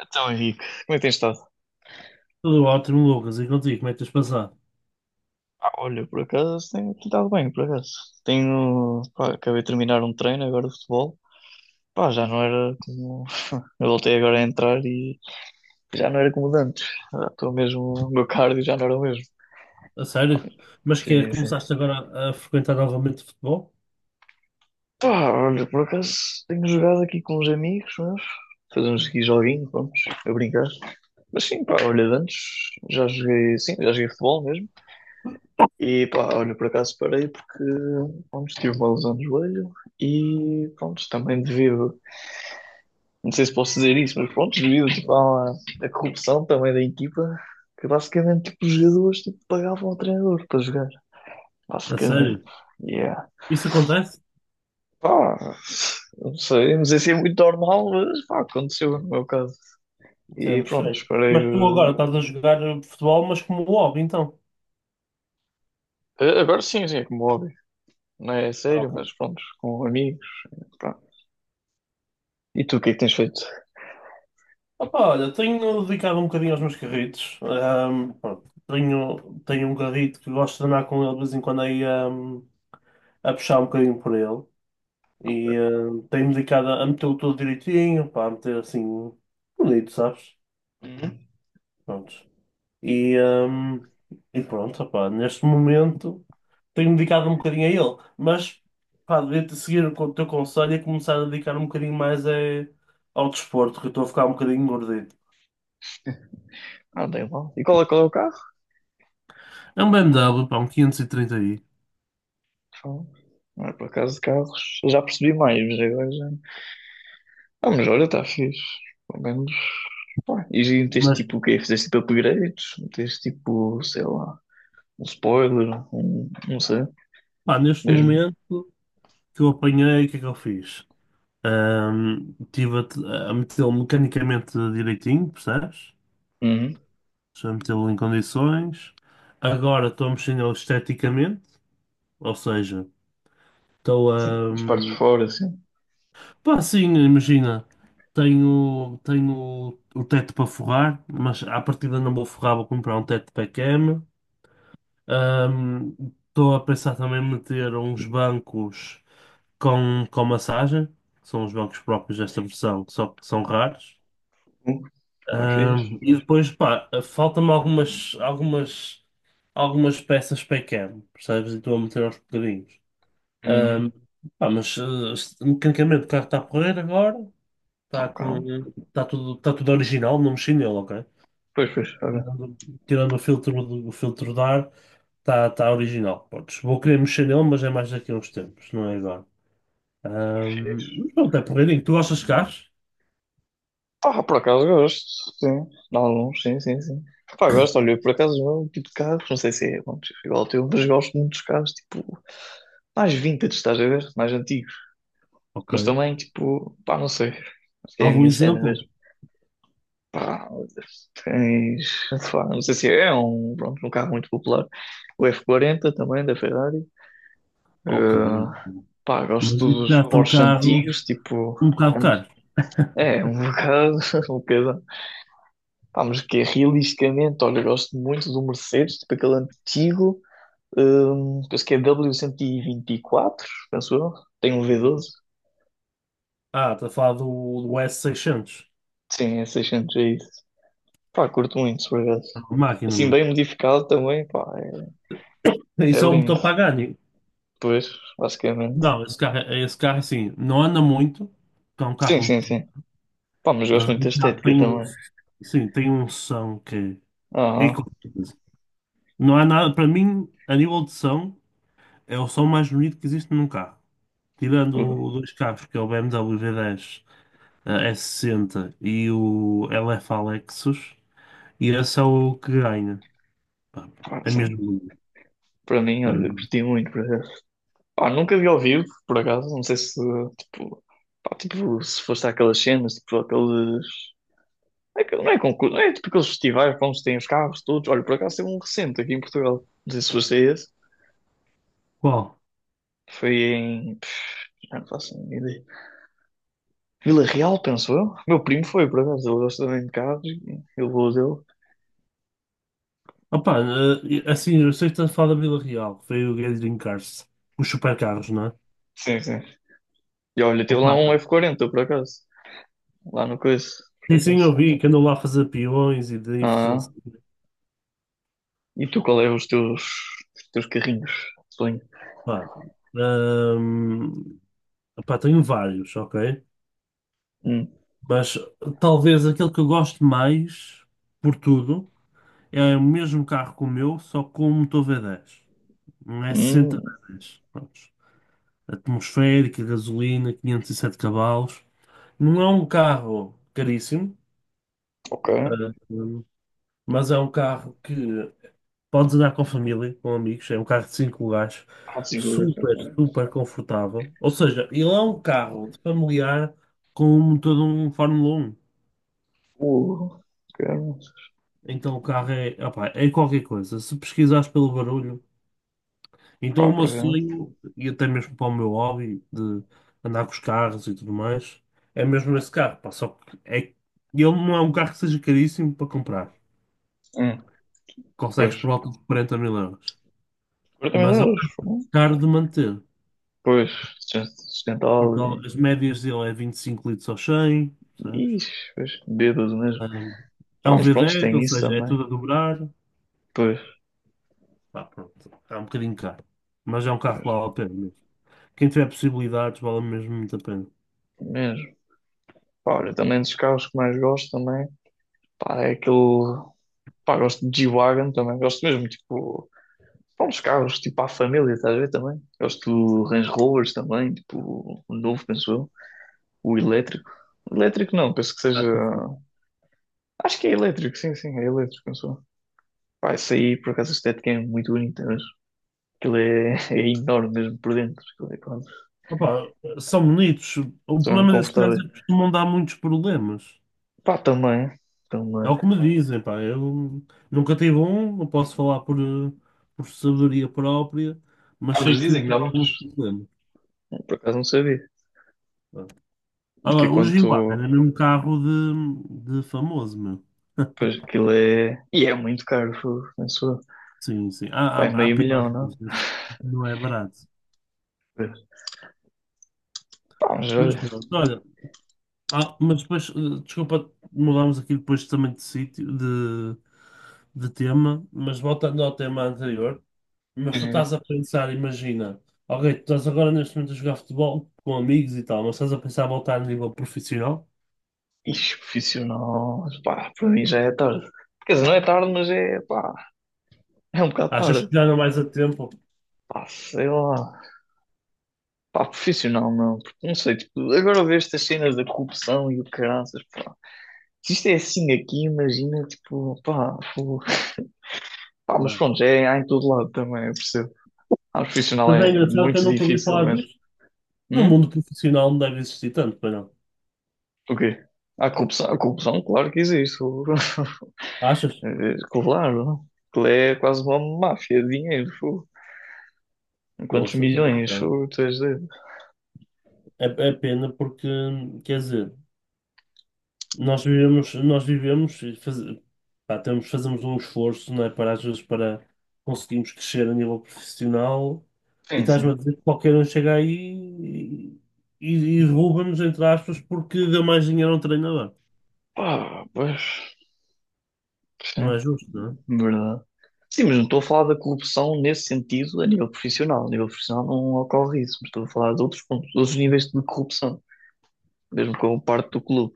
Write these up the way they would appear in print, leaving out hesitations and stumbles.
Então, Henrique, como é que tens estado? Tudo ótimo, Lucas. E contigo, como é que tens passado? Ah, olha, por acaso tenho estado bem, por acaso. Tenho, pá, acabei de terminar um treino agora de futebol. Pá, já não era como. Eu voltei agora a entrar e já não era como de antes. Ah, estou mesmo. O meu cardio já não era o mesmo. A sério? Mas que é, Sim, sim. começaste agora a frequentar novamente futebol? Pá, olha, por acaso tenho jogado aqui com uns amigos meus. Fazemos aqui joguinho, vamos, a brincar. Mas sim, pá, olha, de antes já joguei, sim, já joguei futebol mesmo. E pá, olha, por acaso parei porque pronto, tive uma lesão no joelho e pronto, também devido, não sei se posso dizer isso, mas pronto, devido tipo, à corrupção também da equipa, que basicamente tipo, os jogadores tipo, pagavam ao treinador para jogar, A basicamente. sério? Yeah. Isso acontece? Pá, não sei, não sei se é muito normal, mas pá, aconteceu no meu caso. Isso E era pronto, estranho. esperei. Mas tu agora estás a jogar futebol, mas como hobby, então? Agora sim, sim, é como hobby. Não é Ah, sério, ok. mas pronto, com amigos. Pá. E tu, o que é que tens feito? Opa, olha, tenho dedicado um bocadinho aos meus carritos. Pronto, tenho um carrito que gosto de andar com ele de vez em quando aí, a puxar um bocadinho por ele. E tenho-me dedicado a metê-lo todo direitinho, pá, a meter assim bonito, sabes? Pronto. E, hum, e pronto, opá, neste momento tenho-me dedicado um bocadinho a ele, mas pá, devia-te seguir o teu conselho e começar a dedicar um bocadinho mais ao desporto, que eu estou a ficar um bocadinho gordito. Ah, não tem mal. E qual é o carro? É um BMW, pá, um 530i. Fala. Não é por acaso de carros. Eu já percebi mais, mas agora já. Ah, mas olha, está fixe. Pelo menos. Pá. E já meteste Mas tipo o quê? Fizeste tipo upgrades? Meteste tipo, sei lá, um spoiler, um, não sei, pá, neste mesmo. momento, que eu apanhei, o que é que eu fiz? Estive a metê-lo mecanicamente direitinho, percebes? Uhum. Estou a metê-lo em condições. Agora estou a mexer nele esteticamente, ou seja. Estou a, As partes de hum, fora, assim. Pá, sim, imagina. Tenho o teto para forrar, mas à partida não vou forrar, vou comprar um teto para a cama. Estou a pensar também em meter uns bancos com massagem, que são os bancos próprios desta versão, que só que são raros. Está fixe. E depois, pá, faltam-me algumas peças para a cama, percebes? E estou a meter aos bocadinhos. Uhum. Ahm, Pá, mas mecanicamente o carro está a correr agora. Está Ok. com, tá tudo original, não mexi nele, ok? Pois, pois, olha. Tirando, Tirando o filtro, o filtro de ar, está original. Vou querer mexer nele, mas é mais daqui a uns tempos, não é agora. Fixe. Mas pronto, é porreirinho. Tu gostas de carros? Ah, por acaso gosto, sim. De alguns, sim, sim, sim. Pá, gosto, olha, por acaso o meu tipo de carros, não sei se é bom, tipo, igual ao teu, mas gosto muito dos carros, tipo, mais vintage, estás a ver? Mais antigos. Ok. Mas também, tipo, pá, não sei. Acho que é a Algum minha cena exemplo? mesmo. Pá, tens, pá, não sei se é um, pronto, um carro muito popular. O F40 também, da Ferrari. Ok. Eh, pá, Mas gosto isso dos já são Porsche carros antigos, tipo, um bocado an- caros. é, um bocado, um bocado. Pá, mas que é realisticamente, olha, gosto muito do Mercedes, tipo aquele antigo, penso que é W124, 124, penso eu. Tem um V12. Ah, está a falar do, do S600. Sim, é 600, é isso. Pá, curto muito, por acaso. É uma máquina, Assim, meu. bem modificado também, pá, é Isso é um lindo. motor Pagani. Pois, basicamente. Não, esse carro, é, esse carro assim, não anda muito. É um carro. Sim, sim, sim. Pá, mas gosto Mas muito da estética tem um, também. sim, tem um som que é Aham. qualquer coisa. Não há nada, para mim, a nível de som, é o som mais bonito que existe num carro. Tirando dois carros, que é o BMW V10, S60, e o LF Lexus, e esse é o que ganha. Pá, Pá, é mesmo sim. bonito. Para mim, Eh, olha, curti muito, por acaso. Pá, nunca vi ao vivo, por acaso. Não sei se, tipo, pá, tipo, se foste àquelas cenas, tipo, aqueles. Não é concurso, é tipo aqueles festivais para onde se tem os carros todos. Olha, por acaso teve um recente aqui em Portugal. Não sei se foste a esse. Qual? Foi em, já não faço a mínima ideia. Vila Real, penso eu. Meu primo foi, por acaso. Ele gosta também de carros e ele levou dele. Opa, assim, eu sei que estás a falar da Vila Real, que foi o Gathering Cars, os supercarros, não é? Sim, sim. E olha, teve Opa, lá um F40, por acaso. Lá no coice, por sim, sim, acaso. eu vi que andou lá a fazer peões e drifts. Ah, e tu, qual é os teus carrinhos? Sonho. Pá, hum, pá, tenho vários, ok? Hum, Mas talvez aquele que eu gosto mais, por tudo, é o mesmo carro que o meu, só com um motor V10, um S60 v hum, dez, Prontos. Atmosférica, gasolina, 507 cavalos. Não é um carro caríssimo, ok. ah, hum, mas é um carro que podes andar com a família, com amigos. É um carro de cinco lugares, Ah, de segura. super, super confortável. Ou seja, ele é um carro familiar com um motor de um Fórmula 1. Uh, quero. Então o carro é, opá, qualquer coisa. Se pesquisares pelo barulho, então Pá, o por meu acaso. sonho, e até mesmo para o meu hobby de andar com os carros e tudo mais, é mesmo esse carro. Pá. Só que é, ele não é um carro que seja caríssimo para comprar. Hum, Consegues pois. por volta de 40 mil euros. 40 mil Mas é um euros. carro Fogo. caro de manter. Pois, Porque sustentável as e. médias dele é 25 litros ao 100, sabes? Ixi, pois, bêbado mesmo. Um, é Ah, um mas pronto, V10, ou tem isso seja, é também. tudo a dobrar. Pois, Pá, pronto, é um bocadinho caro. Mas é um carro que pois. vale a pena mesmo. Quem tiver possibilidades, vale mesmo muito a pena. Mesmo. Pá, olha, também dos carros que mais gosto também, pá, é aquele, pá, gosto de G-Wagon também, gosto mesmo, tipo, pá, uns carros, tipo, à família, estás a ver também? Gosto do Range Rovers também, tipo, o novo, penso eu, o elétrico. Elétrico não, penso que seja, Acho que sim. acho que é elétrico, sim, sim, é elétrico, penso eu. Pá, isso aí, por acaso, a estética é muito bonita, mas aquilo é, é enorme mesmo por dentro, aquilo é, pá, Opa, são bonitos. O são mesmo problema desses carros é confortáveis. que costumam dar muitos problemas. Pá, também, É também. o que me dizem, pá. Eu nunca tive um, não posso falar por sabedoria própria, mas Ah, sei mas que dizem que dão dá alguns muitos, problemas. por acaso não sabia, que é Agora, o Giguá era quanto... mesmo um carro de famoso, meu. Pois aquilo é. E é muito caro, fogo, penso eu. Sim, sim. Há, Vai há, há meio milhão, piores, não? mas esse não é barato. Pá, mas Mas olha. pronto, olha. Ah, mas depois, desculpa, mudámos aqui depois também de sítio, de tema, mas voltando ao tema anterior, mas tu estás a pensar, imagina, ok, tu estás agora neste momento a jogar futebol com amigos e tal, mas estás a pensar em voltar a nível profissional? Ixi, profissional. Pá, para mim já é tarde. Quer dizer, não é tarde, mas é. Pá, é um bocado Achas que tarde. já não vais a tempo? Pá, sei lá. Pá, profissional não. Porque não sei, tipo, agora vejo estas cenas da corrupção e o caraças, pá. Se isto é assim aqui, imagina, tipo, pá, fogo. Pá, mas Claro. pronto, é, há em todo lado também, eu percebo. Ah, profissional Mas é é engraçado que eu muito nunca ouvi difícil falar mesmo. disto. No Hum? mundo profissional não deve existir tanto, pois não. O quê? A corrupção, a corrupção, claro que existe. Fogo. Achas? É, claro. Aquilo é quase uma máfia de dinheiro. Fogo. Quantos Poxa, até é milhões? estranho. Fogo, tu és doido. É, é pena porque, quer dizer, nós vivemos e faz, pá, temos, fazemos um esforço, não é, para às vezes para conseguirmos crescer a nível profissional, e Sim, estás-me a sim. dizer que qualquer um chega aí e, rouba-nos, entre aspas, porque deu mais dinheiro a um treinador. Pá, pois, Não sim, é justo, não é? verdade. Sim, mas não estou a falar da corrupção nesse sentido a nível profissional. A nível profissional não ocorre isso, mas estou a falar de outros pontos, de outros níveis de corrupção, mesmo com parte do clube.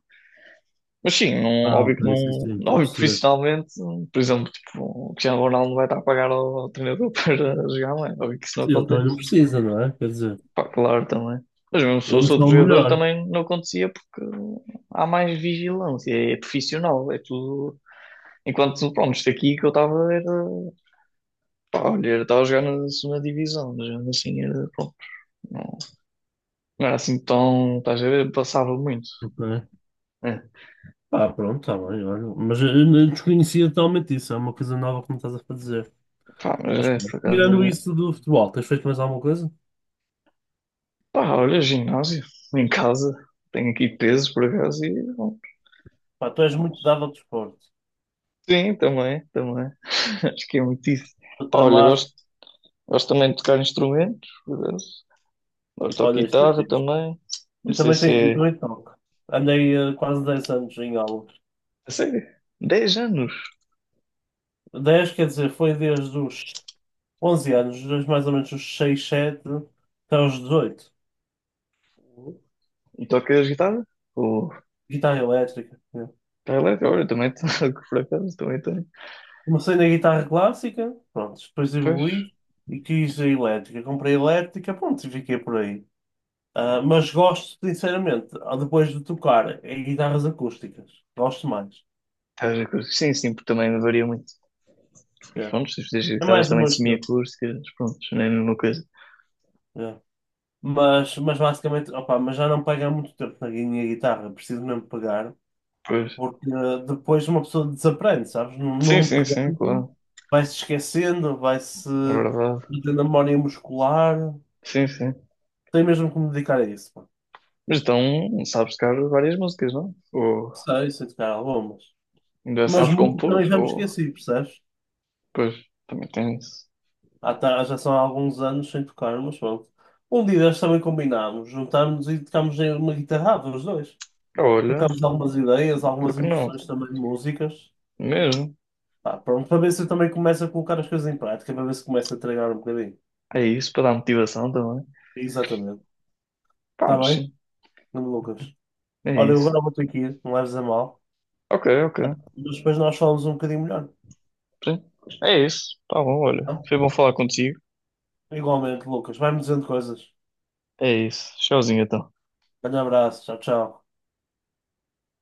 Mas sim, não, Ah, óbvio ok, que sim, não, sim, estou a óbvio que perceber. profissionalmente, por exemplo, tipo, o Cristiano Ronaldo não vai estar a pagar ao treinador para jogar, não é? Óbvio que isso não Ele também acontece. não precisa, não é? Quer dizer, Pá, claro também. Mas mesmo se ele é fosse só outro o jogador melhor. também não acontecia porque há mais vigilância, é profissional, é tudo. Enquanto, pronto, isto aqui que eu estava era, pá, olha, eu estava a jogar na segunda divisão, mas mesmo assim era, pronto, não, não era assim tão, estás a ver, passava muito. Ok. É, Ah, pronto, tá bem, olha. Mas eu não desconhecia totalmente isso, é uma coisa nova que me estás a fazer. pá, mas Mas é, por pronto, acaso tirando é. isso do futebol, tens feito mais alguma coisa? Pá, olha, ginásio, em casa, tenho aqui pesos por acaso e, bom, Pá, tu és muito dado ao desporto. Sim, também, também. Acho que é muito isso. Estou Pá, olha, tramado. gosto também de tocar instrumentos, por acaso. Agora toco Olha, isto é guitarra fixe. também, não Eu sei também se tenho, eu é. também toco. Andei quase 10 anos em aulas. Não sei, 10 anos. Dez, quer dizer, foi desde os 11 anos, desde mais ou menos os 6, 7, até os 18. E tocas guitarra? Ou. Guitarra elétrica, né? Tá elétrica, olha, também toco por acaso, também tenho. Comecei na guitarra clássica, pronto, depois Pois. evoluí e quis a elétrica. Comprei a elétrica, pronto, e fiquei por aí. Ah, mas gosto, sinceramente, depois de tocar em guitarras acústicas, gosto mais. Estás a curtir. Sim, sim, porque também varia muito. Mas Yeah. pronto, se fizeres É guitarras mais do também meu estilo. semiacústicas, pronto, não é a mesma coisa. Yeah. Mas basicamente, opa, mas já não pego há muito tempo na minha guitarra. Preciso mesmo pegar, Pois. porque depois uma pessoa desaprende, sabes? Não, Sim, não sim, sim, pegando, claro. vai-se esquecendo, vai-se É verdade. perdendo a memória muscular. Sim, sim. Tem mesmo que me dedicar a isso, pá. Mas então sabes tocar várias músicas, não? Ou Sei, sei tocar algumas. ainda Mas sabes muito compor? também já me Ou esqueci, percebes? pois também tens. Ah, tá, já são há alguns anos sem tocar, mas pronto. Um dia destes também combinámos, juntámos e tocámos em uma guitarrada, os dois. Olha, Trocámos algumas ideias, por algumas que não? impressões também de músicas. Mesmo. Pá, pronto, para ver se eu também começo a colocar as coisas em prática, para ver se começo a treinar um bocadinho. É isso, para dar motivação também. Exatamente. Pá, Está mas bem, sim, Nuno Lucas? é Olha, eu isso. agora vou ter que ir, não leves a mal. Ok, ok. Mas depois nós falamos um bocadinho melhor. Sim. É isso. Tá bom, olha. Não? Foi bom falar contigo. Igualmente, Lucas. Vai-me dizendo coisas. É isso. Tchauzinho então. Grande abraço, tchau, tchau.